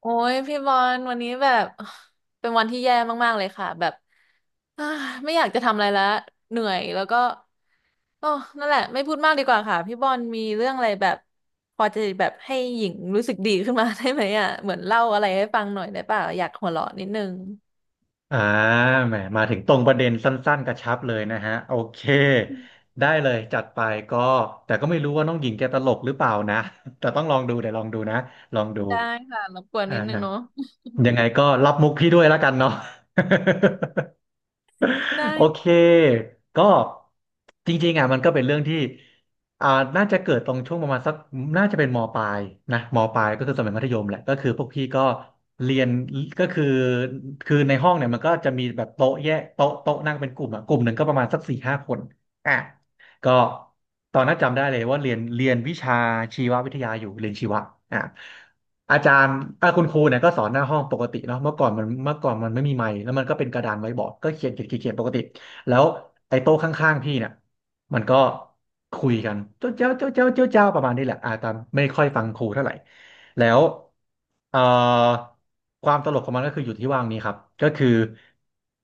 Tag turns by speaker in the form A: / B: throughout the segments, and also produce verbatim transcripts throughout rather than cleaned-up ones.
A: โอ้ยพี่บอลวันนี้แบบ เป็นวันที่แย่มากๆเลยค่ะแบบ อ่าไม่อยากจะทำอะไรแล้วเหนื่อยแล้วก็โอ้นั่นแหละไม่พูดมากดีกว่าค่ะพี่บอลมีเรื่องอะไรแบบพอจะแบบให้หญิงรู้สึกดีขึ้นมา ได้ไหมอ่ะเหมือนเล่าอะไรให้ฟังหน่อยได้ป่ะอยากหัวเราะนิดนึง
B: อ่าแหมมาถึงตรงประเด็นสั้นๆกระชับเลยนะฮะโอเคได้เลยจัดไปก็แต่ก็ไม่รู้ว่าน้องหญิงแกตลกหรือเปล่านะ แต่ต้องลองดูเดี๋ยวลองดูนะลองดู
A: ได้ค่ะรบกวน
B: อ่
A: นิดนึงเนาะ
B: ายังไงก็รับมุกพี่ด้วยแล้วกันเนาะ
A: ได้
B: โอเค
A: ค่ะ
B: ก็จริงๆอ่ะมันก็เป็นเรื่องที่อ่าน่าจะเกิดตรงช่วงประมาณสักน่าจะเป็นมปลายนะมปลายก็คือสมัยมัธยมแหละก็คือพวกพี่ก็เรียนก็คือคือในห้องเนี่ยมันก็จะมีแบบโต๊ะแยกโต๊ะโต๊ะนั่งเป็นกลุ่มอ่ะกลุ่มหนึ่งก็ประมาณสักสี่ห้าคนอ่ะ ก็ตอนนั้นจำได้เลยว่าเรียนเรียนวิชาชีววิทยาอยู่เรียนชีวะอ่ะอาจารย์อ่ะคุณครูเนี่ยก็สอนหน้าห้องปกติเนาะเมื่อก่อนมันเมื่อก่อนมันไม่มีไมค์แล้วมันก็เป็นกระดานไว้บอร์ดก็เขียนเขียนเขียนเขียนปกติแล้วไอ้โต๊ะข้างๆพี่เนี่ยมันก็คุยกันเจ้าเจ้าเจ้าเจ้าเจ้าเจ้าประมาณนี้แหละอ่ะตามไม่ค่อยฟังครูเท่าไหร่ แล้วเอ่อความตลกของมันก็คืออยู่ที่ว่างนี้ครับก็คือ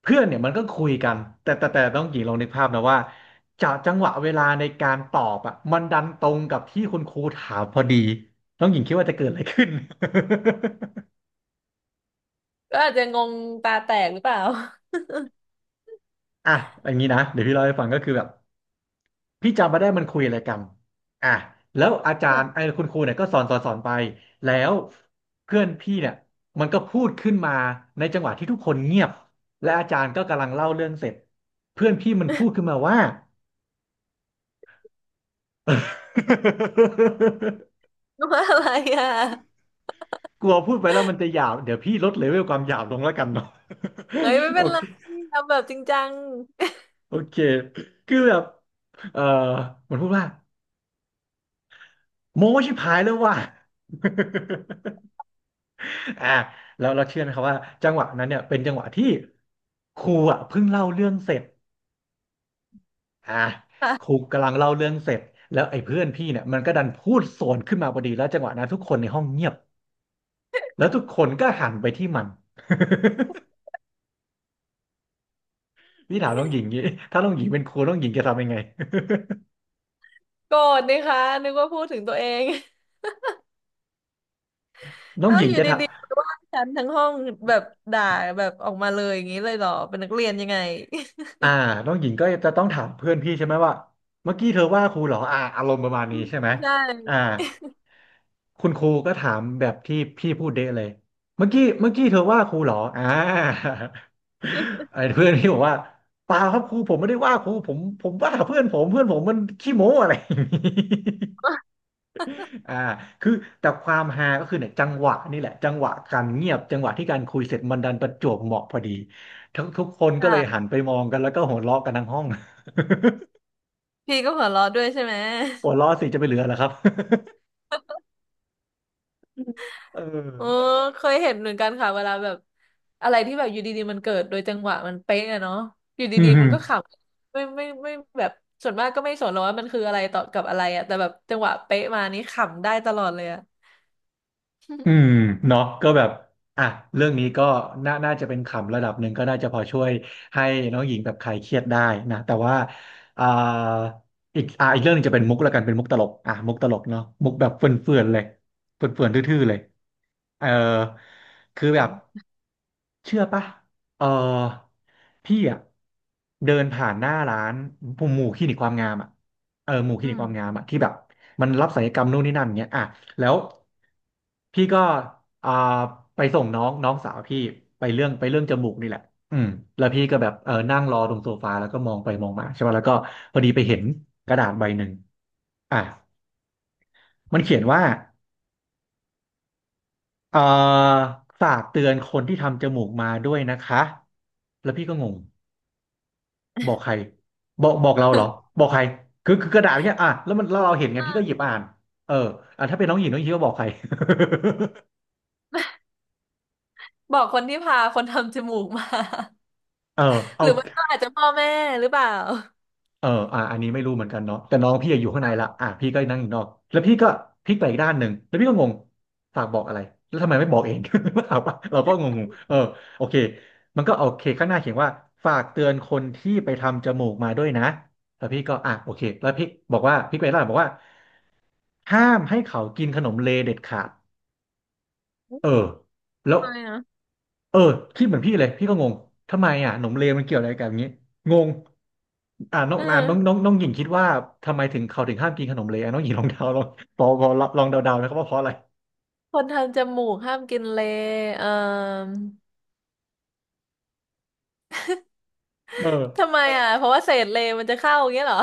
B: เพื่อนเนี่ยมันก็คุยกันแต่แต่แต่ต้องหญิงลองนึกภาพนะว่าจากจังหวะเวลาในการตอบอ่ะมันดันตรงกับที่คุณครูถามพอดีต้องหญิงคิดว่าจะเกิดอะไรขึ้น
A: ก็อาจจะงงตาแตกหรือเปล่า
B: อ่ะอย่างนี้นะเดี๋ยวพี่เล่าให้ฟังก็คือแบบ พี่จำไม่ได้มันคุยอะไรกันอ่ะแล้วอาจา
A: ค่ะ
B: รย์ไอ้คุณครูเนี่ยก็สอนสอนสอนไป แล้วเพื่อนพี่เนี่ยมันก็พูดขึ้นมาในจังหวะที่ทุกคนเงียบและอาจารย์ก็กำลังเล่าเรื่องเสร็จเพื่อนพี่มันพูดขึ้นมาว่า
A: ว่าอะไรอ่ะ
B: กลัวพูดไปแล้วมันจะหยาบเดี๋ยวพี่ลดเลเวลความหยาบลงแล้วกันเนาะ
A: เฮ้ยไม่
B: โอ
A: เป็นไร
B: เค
A: ทำแบบจริงจัง
B: โอเคคือแบบเออมันพูดว่าโม้ชิบหายแล้วว่ะ อ่าแล้วเราเชื่อไหมครับว่าจังหวะนั้นเนี่ยเป็นจังหวะที่ครูอ่ะเพิ่งเล่าเรื่องเสร็จอ่าครู กำลังเล่าเรื่องเสร็จแล้วไอ้เพื่อนพี่เนี่ยมันก็ดันพูดสวนขึ้นมาพอดีแล้วจังหวะนั้นทุกคนในห้องเงียบแล้วทุกคนก็หันไปที่มัน พี่ถามน้องหญิงงี้ถ้าน้องหญิงเป็นครูน้องหญิงจะทำยังไง
A: โกรธนะคะนึกว่าพูดถึงตัวเอง
B: น้องหญิงจะทำ
A: ฉันทั้งห้องแบบด่าแบบออกมาเลยอย่างนี้เลยเหรอเป็นนักเรียนยังไง
B: อ่าน้องหญิงก็จะต้องถามเพื่อนพี่ใช่ไหมว่าเมื่อกี้เธอว่าครูเหรออ่าอารมณ์ประมาณ
A: อื
B: นี้
A: ม
B: ใช่ไหม
A: ใช่
B: อ่าคุณครูก็ถามแบบที่พี่พูดเดะเลยเมื่อกี้เมื่อกี้เธอว่าครูเหรออ่า ไอ้เพื่อนพี่บอกว่าเปล่าครับครูผมไม่ได้ว่าครูผมผมว่าเพื่อนผมเพื่อนผมมันขี้โม้ อะไรอย่างนี้ อ่าคือแต่ความฮาก็คือเนี่ยจังหวะนี่แหละจังหวะการเงียบจังหวะที่การคุยเสร็จมันดันประจวบเหมาะพอดีทุกทุกคนก็เลยหัน
A: ค่ะ
B: ไปมองกันแล้วก็หัวเราะกันทั้งห้อง
A: พี่ก็หัวเราะด้วยใช่ไหม
B: หัวเราะสิจะไปเหลือเหรอครับ เ
A: โอ้
B: ออ
A: เคยเห็นเหมือนกันค่ะเวลาแบบอะไรที่แบบอยู่ดีๆมันเกิดโดยจังหวะมันเป๊ะอะเนาะอยู่
B: อื
A: ดีๆมัน
B: ม
A: ก็ขำไม่ไม่ไม่ไม่แบบส่วนมากก็ไม่สนหรอกว่ามันคืออะไรต่อกับอะไรอะแต่แบบจังหวะเป๊ะมานี่ขำได้ตลอดเลยอะ
B: อืมเนาะก็แบบอ่ะเรื่องนี้ก็น่าน่าจะเป็นขำระดับหนึ่งก็น่าจะพอช่วยให้น้องหญิงแบบคลายเครียดได้นะแต่ว่าอ่าอีกอ่าอีกเรื่องหนึงจะเป็นมุกละกันเป็นมุกตลกอ่ะมุกตลกเนาะมุกแบบเฟื่อนๆเลยเฟื่อนๆทื่อๆเลยเออคือแบบ เชื่อปะเออพี่อ่ะเดินผ่านหน้าร้านผมหมู่คลินิกความงามอ่ะเออหมู่ค
A: อื
B: ลินิกความงา
A: ม
B: มอ่ะที่แบบมันรับศัลยกรรมนู่นนี่นั่นเงี้ยอ่ะแล้วพี่ก็อ่าไปส่งน้องน้องสาวพี่ไปเรื่องไปเรื่องจมูกนี่แหละอืมแล้วพี่ก็แบบเออนั่งรอตรงโซฟาแล้วก็มองไปมองมาใช่ป่ะแล้วก็พอดีไปเห็นกระดาษใบหนึ่งอ่ะมันเขียนว่าเอ่อฝากเตือนคนที่ทำจมูกมาด้วยนะคะแล้วพี่ก็งง บอกใครบอกบอกเราเหรอบอกใครคือคือกระดาษเนี้ยอ่ะแล้วมันแล้วเราเห็นไง
A: อ่า
B: พี่ก็หยิบอ่านเอออ่ะถ้าเป็นน้องหญิงน้องหญิงก็บอกใคร
A: บอกคนที่พาคนทำจมูกมา
B: เออ
A: ห
B: เอา
A: รือว่าก็อาจจะพ่อแม่หรือเปล่า
B: เอออ่ะอันนี้ไม่รู้เหมือนกันเนาะแต่น้องพี่อะอยู่ข้างในละอ่ะพี่ก็นั่งอยู่นอกแล้วพี่ก็พลิกไปอีกด้านหนึ่งแล้วพี่ก็งงฝากบอกอะไรแล้วทำไมไม่บอกเอง ถามว่าเราก็งงๆเออโอเคมันก็โอเคข้างหน้าเขียนว่าฝากเตือนคนที่ไปทำจมูกมาด้วยนะแล้วพี่ก็อ่ะโอเคแล้วพี่บอกว่าพี่ไปร้านบอกว่าห้ามให้เขากินขนมเลเด็ดขาด เออแล้ว
A: ใช่นะ
B: เออคิดเหมือนพี่เลยพี่ก็งงทำไมอ่ะหนมเลวมันเกี่ยวอะไรกับอย่างนี้งงอ่าน้อง
A: เอ
B: อ่าน้อง
A: อ
B: น้องน้องหญิงคิดว่าทำไมถึงเขาถึงห้ามกินขนมเลวน้องหญิงลองเดา ลองพอพอลองเดาๆนะครับว่าเพราะอะไร
A: คนทำจมูกห้ามกินเลย์เอ่อ
B: เออ
A: ทำไมอ่ะเพราะว่าเศษเลย์มันจะเข้าอย่างเงี้ยเหรอ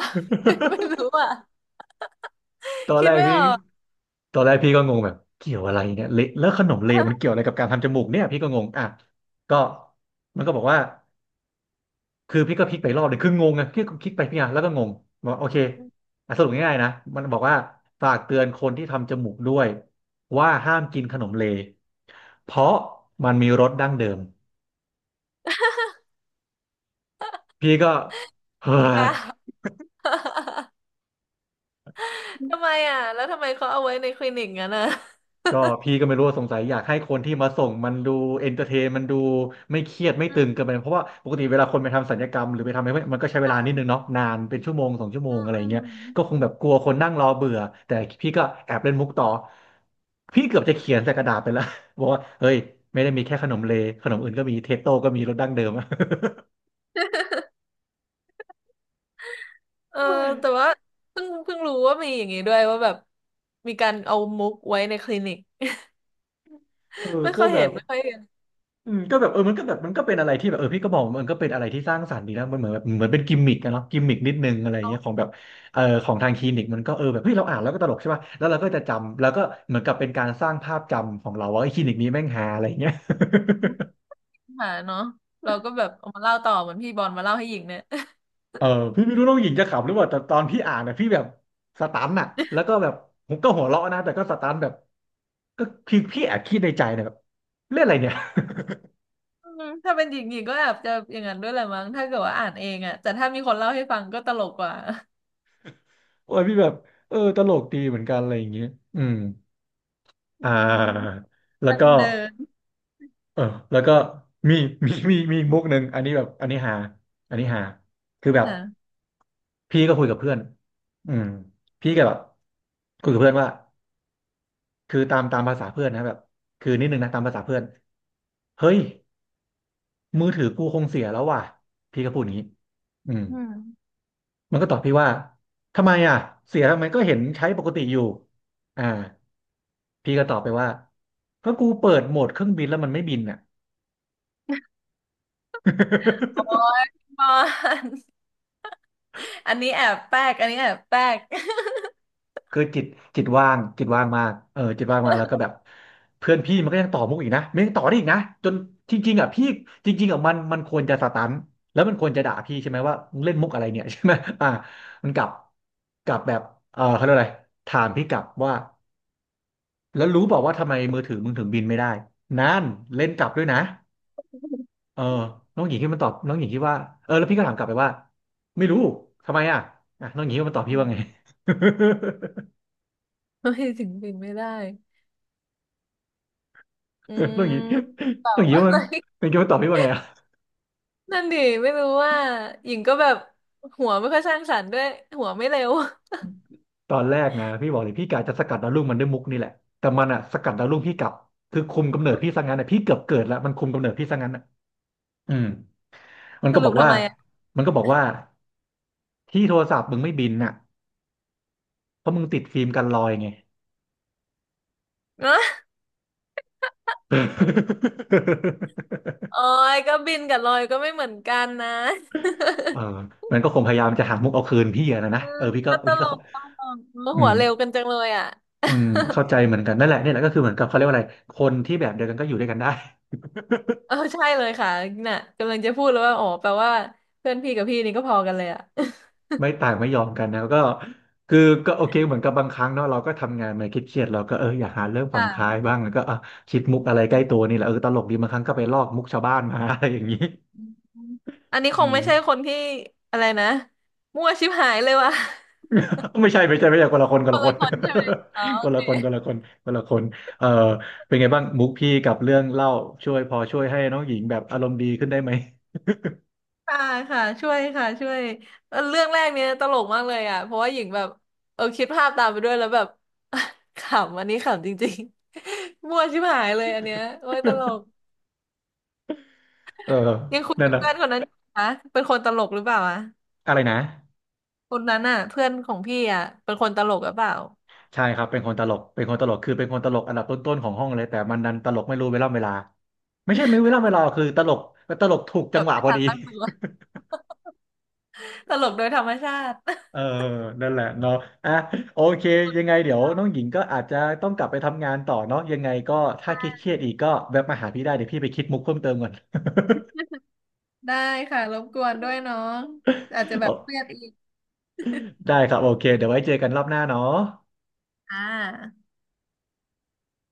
A: ไม่รู้อ่ะ
B: ตอน
A: คิ
B: แร
A: ด
B: ก
A: ไม่
B: พี่
A: ออก
B: ตอนแรกพี่ก็งงแบบเกี่ยวอะไรเนี่ยเละแล้วขนมเลวมันเกี่ยวอะไรกับการทำจมูกเนี่ยพี่ก็งงอ่ะก็มันก็บอกว่า คือพี่ก็พลิกไปรอบเลยคืองงไงพี่ก็คลิกไปพี่อ่ะแล้วก็งงบอกโอเคอ่ะสรุปง่ายๆนะมันบอกว่าฝากเตือนคนที่ทำจมูกด้วยว่าห้ามกินขนมเลเพราะมันมีรสดั้งเดิมพี่ก็เฮ้
A: อ่ะ
B: ย
A: ทำไมอ่ะแล้วทำไมเขาเอาไว้ในคลินิกงั้นอ่ะ
B: ก็พี่ก็ไม่รู้ว่าสงสัยอยากให้คนที่มาส่งมันดูเอนเตอร์เทนมันดูไม่เครียดไม่
A: อื
B: ตึงเกินไป
A: ม
B: เพราะว่าปกติเวลาคนไปทำศัลยกรรมหรือไปทำอะไรพวกนี้มันก็ใช้เวลานิด
A: ค่ะ
B: นึงเนาะนานเป็นชั่วโมงสองชั่วโม
A: อื
B: ง
A: ม
B: อะไรอ
A: อื
B: ย่างเงี้ย
A: ม
B: ก็คงแบบกลัวคนนั่งรอเบื่อแต่พี่ก็แอบเล่นมุกต่อพี่เกือบจะเขียนใส่กระดาษไปแล้ว บอกว่าเฮ้ยไม่ได้มีแค่ขนมเลขนมอื่นก็มีเทสโต้ก็มีรสดั้งเดิมอะ
A: เออแต่ว่าเพิ่งเพิ่งรู้ว่ามีอย่างนี้ด้วยว่าแบบมีการเอามุกไว้ในคลินิก
B: เอ อ
A: ไม่
B: ก็
A: ค่อย
B: แบ
A: เห็น
B: บ
A: ไม่ค่อยเห็น
B: อืมก็แบบเออมันก็แบบมันก็เป็นอะไรที่แบบเออพี่ก็บอกว่ามันก็เป็นอะไรที่สร้างสรรค์ดีนะมันเหมือนแบบเหมือนเป็นกิมมิกอะเนาะกิมมิกนิดนึงอะไร
A: เขา
B: เงี้ยของแบบเออของทางคลินิกมันก็เออแบบเฮ้ยเราอ่านแล้วก็ตลกใช่ป่ะแล้วเราก็จะจำแล้วก็เหมือนกับเป็นการสร้างภาพจำของเราว่าไอ้คลินิกนี้แม่งฮาอะไรเงี้ย
A: หาเนาะเราก็แบบเอามาเล่าต่อเหมือนพี่บอลมาเล่าให้หญิงเนี่ย
B: เออพี่ไม่รู้น้องหญิงจะขำหรือเปล่าแต่ตอนพี่อ่านนะพี่แบบสตันอะแล้วก็แบบผมก็หัวเราะนะแต่ก็สตันแบบก็คือพี่แอบคิดในใจนะแบบเล่นอะไรเนี่ย
A: อืมถ้าเป็นหญิงหญิงก็แอบจะอย่างนั้นด้วยแหละมั้งถ้าเกิดว่าอ่านเองอ่ะแต่ถ้ามีคนเล่าให้ฟังก็ตลกกว่า
B: โอ้ยพี่แบบเออตลกดีเหมือนกันอะไรอย่างเงี้ยอืม
A: อื
B: อ่
A: ม
B: าแล้ว
A: ทาง
B: ก็
A: เดิน
B: เออแล้วก็มี มีมีมีอีกมุกหนึ่งอันนี้แบบอันนี้หาอันนี้หาคือแบบ
A: นะ
B: พี่ก็คุยกับเพื่อนอืมพี่ก็แบบคุยกับเพื่อนว่าคือตามตามภาษาเพื่อนนะแบบคือนิดนึงนะตามภาษาเพื่อนเฮ้ยมือถือกูคงเสียแล้วว่ะพี่ก็พูดอย่างนี้อืม
A: อืม
B: มันก็ตอบพี่ว่าทำไมอ่ะเสียทำไมก็เห็นใช้ปกติอยู่อ่าพี่ก็ตอบไปว่าก็กูเปิดโหมดเครื่องบินแล้วมันไม่บินอ่ะ
A: โอ้ย บอลอันนี้แอบแป๊กอันนี้แอบแป๊ก
B: คือจิตจิตว่างจิตว่างมากเออจิตว่างมากแล้วก็แบบเพื่อนพี่มันก็ยังต่อมุกอีกนะมันยังต่อได้อีกนะจนจริงๆอ่ะพี่จริงๆอ่ะมันมันควรจะสตันแล้วมันควรจะด่าพี่ใช่ไหมว่ามึงเล่นมุกอะไรเนี่ย ใช่ไหมอ่ามันกลับกลับแบบเออเขาเรียกอะไรถามพี่กลับว่าแล้วรู้เปล่าว่าทำไมมือถือมึงถึงบินไม่ได้นั่นเล่นกลับด้วยนะเออน้องหญิงที่มันตอบน้องหญิงที่ว่าเออแล้วพี่ก็ถามกลับไปว่าไม่รู้ทำไมอ่ะอ่ะน้องหญิงที่มันตอบพี่
A: อื
B: ว่าไง
A: ม ไม่ถึงปินไม่ได้อื
B: ต้องอย่างนี้
A: ม
B: ต้องอ ย่างนี้
A: อะ
B: มั
A: ไร
B: นเป็นคำตอบพี่ว่าไงอะ
A: นั่นดิไม่รู้ว่าหญิงก็แบบหัวไม่ค่อยสร้างสรรค์ด้วยหัวไม่เร็ว
B: ตอนแรกนะพี่บอกเลยพี่กะจะสกัดดาวรุ่งมันด้วยมุกนี่แหละแต่มันอะสกัดดาวรุ่งพี่กลับคือคุมกำเนิดพี่ซะงั้นอะพี่เกือบเกิดแล้วมันคุมกำเนิดพี่ซะงั้นอะอืมมัน
A: ส
B: ก็บ
A: รุ
B: อ
A: ป
B: ก
A: ทำ
B: ว่า
A: ไมอ่ะ
B: มันก็บอกว่าที่โทรศัพท์มึงไม่บินน่ะเพราะมึงติดฟิล์มกันรอยไง
A: เนอะ โอ้ยก็บินกับลอยก็ไม่เหมือนกันนะ
B: เออมันก็คงพยายามจะหามุกเอาคืนพี่อะนะนะ
A: อืม
B: เออพี่ก็
A: ก็ต
B: พี่
A: ล
B: ก็เข้า
A: กตลกเออ
B: อื
A: หัว
B: ม
A: เร็วกันจังเลยอ่ะ
B: อืมเข้าใจเหมือนกันนั่นแหละนี่แหละก็คือเหมือนกับเขาเรียกว่าอะไรคนที่แบบเดียวกันก็อยู่ด้วยกันได้
A: เออใช่เลยค่ะน่ะกำลังจะพูดเลยว่าอ๋อแปลว่าเพื่อนพี่กับพี่นี่ก็พอกันเลยอ่ะ
B: ไม่ต่างไม่ยอมกันนะก็คือก็โอเคเหมือนกับบางครั้งเนาะเราก็ทำงานมาเครียดๆเราก็เอออยากหาเรื่องผ่อนคลาย
A: ค่ะ
B: บ้างแล้วก็อ่ะคิดมุก
A: อื
B: อะไรใกล้ตัว
A: ม
B: นี่แหละเออตลกดีบางครั้งก็ไปลอกมุกชาวบ้านมา อะไรอย่างนี้
A: อืมอันนี้ค
B: อื
A: ง
B: ม
A: ไม่ใช่คนที่อะไรนะมั่วชิบหายเลยว่ะ
B: ไม่ใช่ไม่ใช่ไม่ใช่คนละคนค
A: ค
B: นละ
A: น
B: ค
A: ละ
B: น
A: คนใช่ไหมอ๋อ
B: ค
A: โอ
B: นละ
A: เค
B: คนคนละคนคนละคนเออเป็นไงบ้างมุกพี่กับเรื่องเล่าช่วยพอช่วยให้น้องหญิงแบบอารมณ์ดีขึ้นได้ไหม
A: ค่ะค่ะช่วยค่ะช่วยเออเรื่องแรกเนี้ยตลกมากเลยอ่ะเพราะว่าหญิงแบบเออคิดภาพตามไปด้วยแล้วแบบ ขำอันนี้ขำจริงๆ มั่วชิบหายเลยอันเนี้ยโอ้ยตลก
B: เออ
A: ยังคุย
B: นั่น
A: กับ
B: นะ
A: เพื่อนคนนั้นอยู่นะเป็นคนตลกหรือเปล่าอะ
B: อะไรนะ
A: คนนั้นอ่ะเพื่อนของพี่อ่ะ เป็นคนตลกหรือเปล่า
B: ใช่ครับเป็นคนตลกเป็นคนตลกคือเป็นคนตลกอันดับต้นๆของห้องเลยแต่มันดันตลกไม่รู้เวลาเวลาไม่ใช่ไม่รู้เวลาเวลาคือตลกตลกถูกจังหวะ
A: ต
B: พอดี
A: ั้งตัว ตลกโดยธรรมชาติ
B: เออนั่นแหละเนาะอ่ะโอเคยังไงเดี๋ยวน้องหญิงก็อาจจะต้องกลับไปทำงานต่อเนาะยังไงก็ถ้าคิดเครียดอีกก็แวะมาหาพี่ได้เดี๋ยวพี่ไปคิดมุกเพิ่มเติมก่อน
A: ได้ค่ะรบกวนด้วยน้องอาจจะ แบ
B: โอ้
A: บเครียดอีก
B: ได้ครับโอเคเดี๋ยวไว้เจอกันรอบหน้าเนาะ
A: อ่า